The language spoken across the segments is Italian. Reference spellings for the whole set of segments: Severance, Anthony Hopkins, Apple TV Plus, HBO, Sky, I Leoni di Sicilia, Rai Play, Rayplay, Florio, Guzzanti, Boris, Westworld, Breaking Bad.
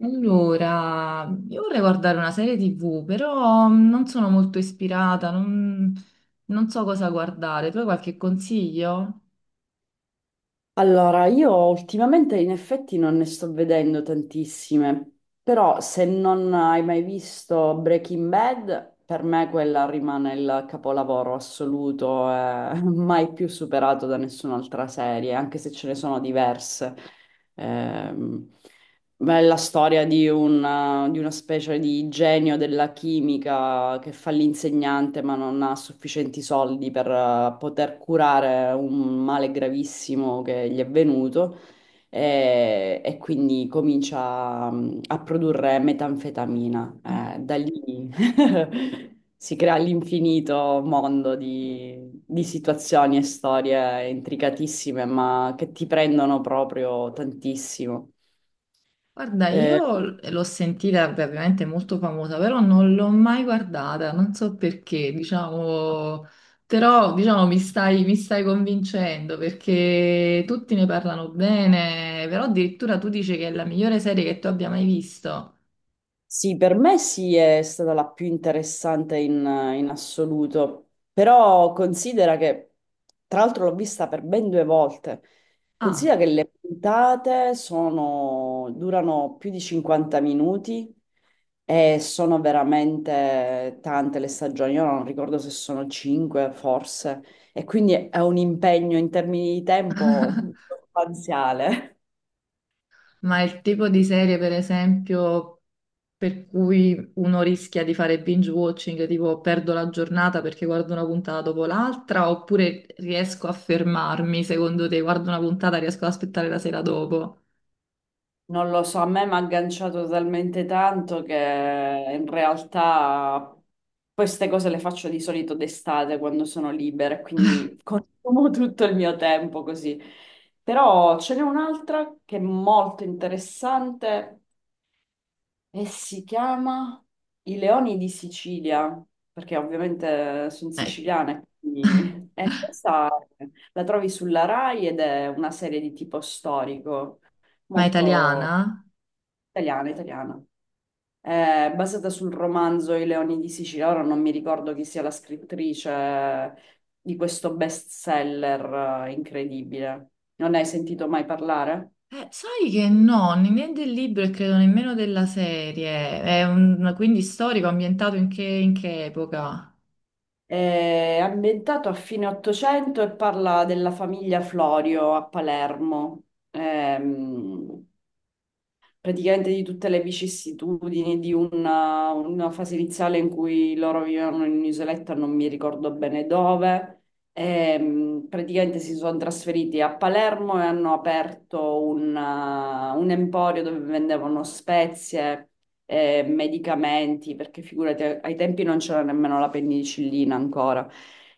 Allora, io vorrei guardare una serie TV, però non sono molto ispirata, non so cosa guardare. Tu hai qualche consiglio? Allora, io ultimamente in effetti non ne sto vedendo tantissime, però se non hai mai visto Breaking Bad, per me quella rimane il capolavoro assoluto, mai più superato da nessun'altra serie, anche se ce ne sono diverse. Ehm, Beh, è la storia di una specie di genio della chimica che fa l'insegnante ma non ha sufficienti soldi per poter curare un male gravissimo che gli è venuto e, quindi comincia a produrre metanfetamina. Da lì si crea l'infinito mondo di situazioni e storie intricatissime ma che ti prendono proprio tantissimo. Guarda, Eh, io l'ho sentita, beh, ovviamente è molto famosa, però non l'ho mai guardata, non so perché, diciamo, però diciamo mi stai convincendo perché tutti ne parlano bene, però addirittura tu dici che è la migliore serie che tu abbia mai visto. Sì, per me sì, è stata la più interessante in, in assoluto, però considera che, tra l'altro l'ho vista per ben due volte, Ah, considera che le puntate sono, durano più di 50 minuti e sono veramente tante le stagioni, io non ricordo se sono 5 forse, e quindi è un impegno in termini di tempo sostanziale. ma il tipo di serie, per esempio. Per cui uno rischia di fare binge watching, tipo perdo la giornata perché guardo una puntata dopo l'altra, oppure riesco a fermarmi, secondo te, guardo una puntata, riesco ad aspettare la sera dopo. Non lo so, a me mi ha agganciato talmente tanto che in realtà queste cose le faccio di solito d'estate quando sono libera, e quindi consumo tutto il mio tempo così. Però ce n'è un'altra che è molto interessante e si chiama I Leoni di Sicilia, perché ovviamente sono Eh, siciliane. Quindi- E questa la trovi sulla Rai ed è una serie di tipo storico, ma italiana? molto italiana, italiana. È basata sul romanzo I Leoni di Sicilia. Ora non mi ricordo chi sia la scrittrice di questo bestseller incredibile. Non ne hai sentito mai parlare? Sai che no, né del libro e credo nemmeno della serie. È quindi storico, ambientato in che epoca? È ambientato a fine Ottocento e parla della famiglia Florio a Palermo. Ehm, praticamente di tutte le vicissitudini di una fase iniziale in cui loro vivevano in un'isoletta, non mi ricordo bene dove. Praticamente si sono trasferiti a Palermo e hanno aperto una- un emporio dove vendevano spezie, medicamenti, perché figurati, ai tempi non c'era nemmeno la penicillina ancora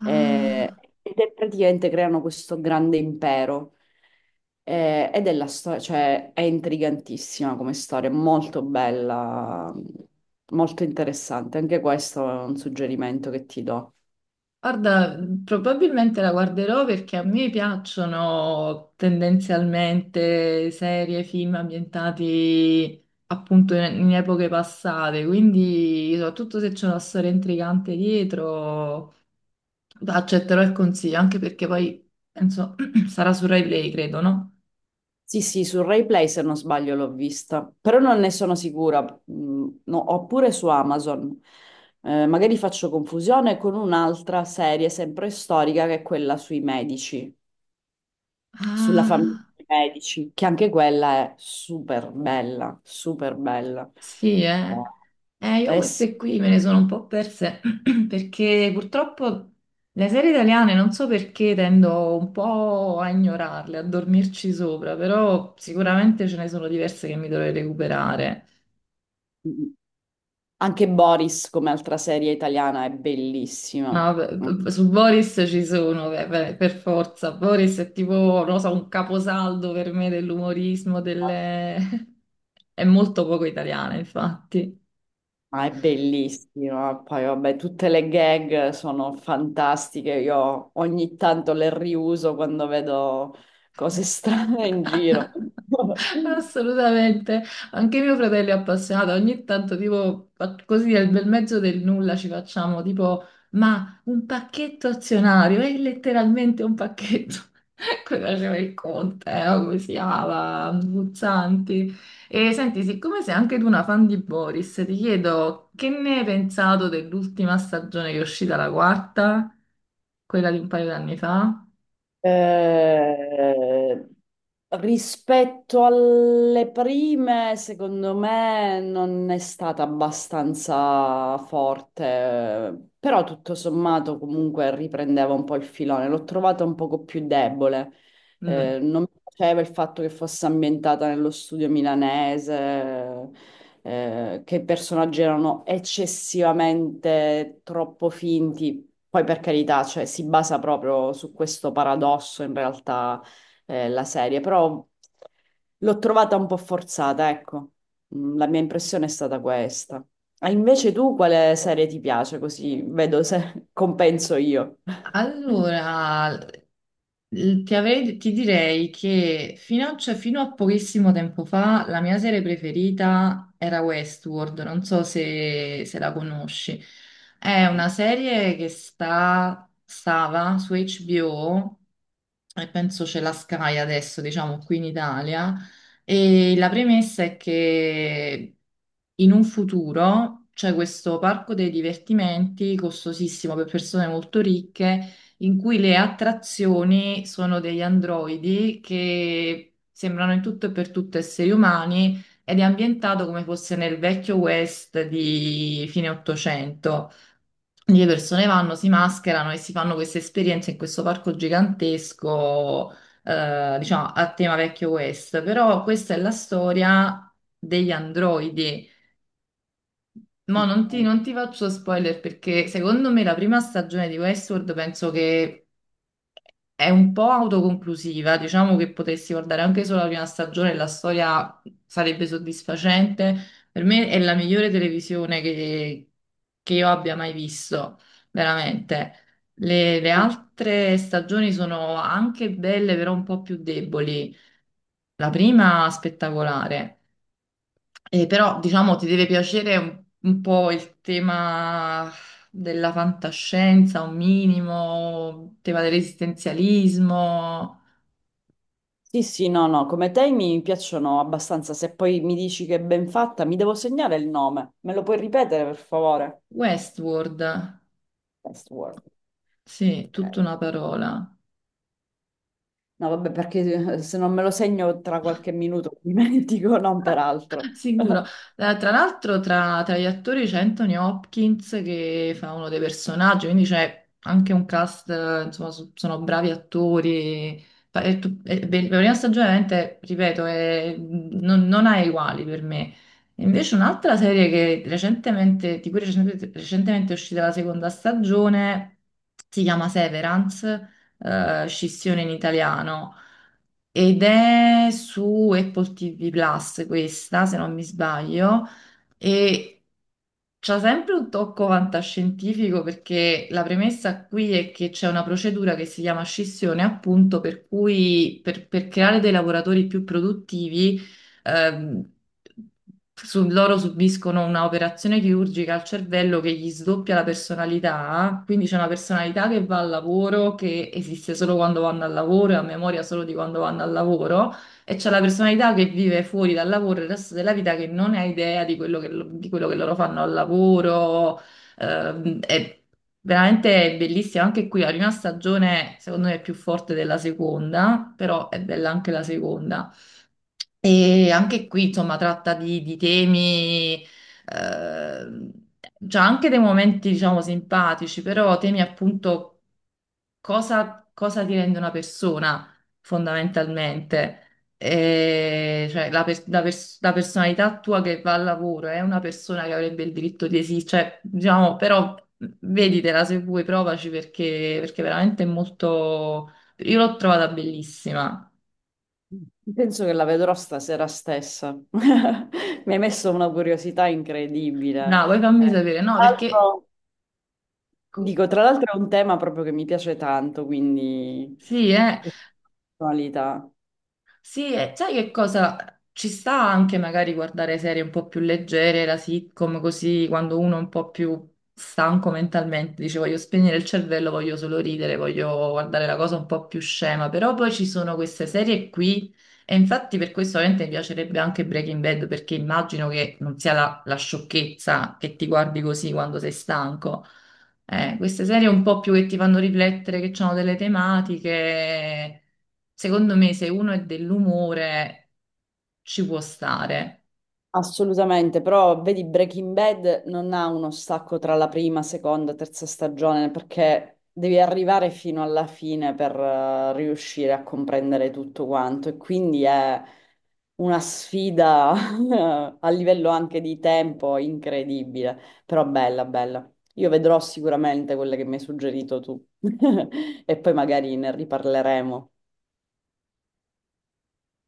eh, Ah. ed è praticamente creano questo grande impero. Ed è la storia, cioè è intrigantissima come storia, molto bella, molto interessante. Anche questo è un suggerimento che ti do. Guarda, probabilmente la guarderò perché a me piacciono tendenzialmente serie, film ambientati appunto in epoche passate, quindi soprattutto se c'è una storia intrigante dietro, accetterò il consiglio, anche perché poi penso sarà su Rai Play, credo, no? Sì, sì, su Rayplay se non sbaglio l'ho vista, però non ne sono sicura. Mm, no, oppure su Amazon. Magari faccio confusione con un'altra serie sempre storica che è quella sui medici, sulla famiglia Ah. dei medici, che anche quella è super bella, super bella. Sì, eh. Io Eh sì. queste qui me ne sono un po' perse perché purtroppo le serie italiane non so perché tendo un po' a ignorarle, a dormirci sopra, però sicuramente ce ne sono diverse che mi dovrei recuperare. Anche Boris, come altra serie italiana, è bellissima. No, vabbè, su Boris ci sono, beh, per forza. Boris è tipo, non lo so, un caposaldo per me dell'umorismo, delle. È molto poco italiana, infatti. Ma è bellissima. Poi, vabbè, tutte le gag sono fantastiche. Io ogni tanto le riuso quando vedo cose strane in giro. Assolutamente, anche mio fratello è appassionato, ogni tanto tipo così nel bel mezzo del nulla ci facciamo tipo ma un pacchetto azionario, è letteralmente un pacchetto, quello faceva il conte, o come si chiama, Guzzanti. E senti, siccome sei anche tu una fan di Boris, ti chiedo che ne hai pensato dell'ultima stagione che è uscita la quarta, quella di un paio d'anni fa? Eh, Rispetto alle prime, secondo me non è stata abbastanza forte, però tutto sommato comunque riprendeva un po' il filone. L'ho trovata un poco più debole. Mm. Non mi piaceva il fatto che fosse ambientata nello studio milanese, che i personaggi erano eccessivamente troppo finti. Poi per carità, cioè, si basa proprio su questo paradosso in realtà, la serie, però l'ho trovata un po' forzata, ecco. La mia impressione è stata questa. Ah, invece tu quale serie ti piace? Così vedo se compenso io. Allora, ti direi che cioè, fino a pochissimo tempo fa la mia serie preferita era Westworld, non so se la conosci. È una serie che stava su HBO e penso c'è la Sky adesso, diciamo, qui in Italia. E la premessa è che in un futuro c'è questo parco dei divertimenti costosissimo per persone molto ricche, in cui le attrazioni sono degli androidi che sembrano in tutto e per tutto esseri umani ed è ambientato come fosse nel vecchio West di fine Ottocento. Le persone vanno, si mascherano e si fanno queste esperienze in questo parco gigantesco, diciamo, a tema vecchio West. Però questa è la storia degli androidi. Mo' Ok. non ti faccio spoiler perché secondo me la prima stagione di Westworld penso che è un po' autoconclusiva, diciamo che potessi guardare anche solo la prima stagione, e la storia sarebbe soddisfacente. Per me è la migliore televisione che io abbia mai visto, veramente. Le Ah, altre stagioni sono anche belle, però un po' più deboli. La prima spettacolare. Però diciamo ti deve piacere un po' il tema della fantascienza, un minimo, il tema dell'esistenzialismo. sì, sì, no, no, come te mi piacciono abbastanza. Se poi mi dici che è ben fatta, mi devo segnare il nome. Me lo puoi ripetere, per favore? Westworld, Westworld. sì, tutta Ok. una parola. No, vabbè, perché se non me lo segno tra qualche minuto mi dimentico, non peraltro. Sicuro. Tra l'altro tra gli attori c'è Anthony Hopkins che fa uno dei personaggi, quindi c'è anche un cast, insomma, sono bravi attori. Fa- è tu- è be- La prima stagione, veramente, ripeto, non ha uguali per me. E invece un'altra serie che recentemente, di cui recentemente, recentemente è uscita la seconda stagione, si chiama Severance, scissione in italiano. Ed è su Apple TV Plus questa, se non mi sbaglio. E c'ha sempre un tocco fantascientifico perché la premessa qui è che c'è una procedura che si chiama scissione, appunto, per cui per creare dei lavoratori più produttivi, ehm, loro subiscono un'operazione chirurgica al cervello che gli sdoppia la personalità, quindi c'è una personalità che va al lavoro, che esiste solo quando vanno al lavoro e ha memoria solo di quando vanno al lavoro. E c'è la personalità che vive fuori dal lavoro il resto della vita che non ha idea di quello che loro fanno al lavoro. È veramente bellissima. Anche qui la prima stagione, secondo me, è più forte della seconda, però è bella anche la seconda. E anche qui, insomma, tratta di temi, ehm, c'ha anche dei momenti, diciamo, simpatici, però temi appunto cosa ti rende una persona fondamentalmente? Cioè, la personalità tua che va al lavoro è una persona che avrebbe il diritto di esistere, cioè, diciamo, però veditela se vuoi, provaci perché veramente è molto. Io l'ho trovata bellissima. Penso che la vedrò stasera stessa. Mi hai messo una curiosità incredibile. Bravo, e fammi Eh, sapere, no, tra perché. l'altro- dico, tra l'altro è un tema proprio che mi piace tanto, quindi Sì, eh. questa personalità. Sì, e sai che cosa? Ci sta anche magari guardare serie un po' più leggere, la sitcom, così quando uno è un po' più stanco mentalmente, dice voglio spegnere il cervello, voglio solo ridere, voglio guardare la cosa un po' più scema, però poi ci sono queste serie qui e infatti per questo ovviamente mi piacerebbe anche Breaking Bad perché immagino che non sia la sciocchezza che ti guardi così quando sei stanco. Queste serie un po' più che ti fanno riflettere, che hanno delle tematiche. Secondo me, se uno è dell'umore, ci può stare. Assolutamente, però vedi Breaking Bad non ha uno stacco tra la prima, seconda, terza stagione perché devi arrivare fino alla fine per riuscire a comprendere tutto quanto e quindi è una sfida a livello anche di tempo incredibile, però bella, bella. Io vedrò sicuramente quelle che mi hai suggerito tu e poi magari ne riparleremo.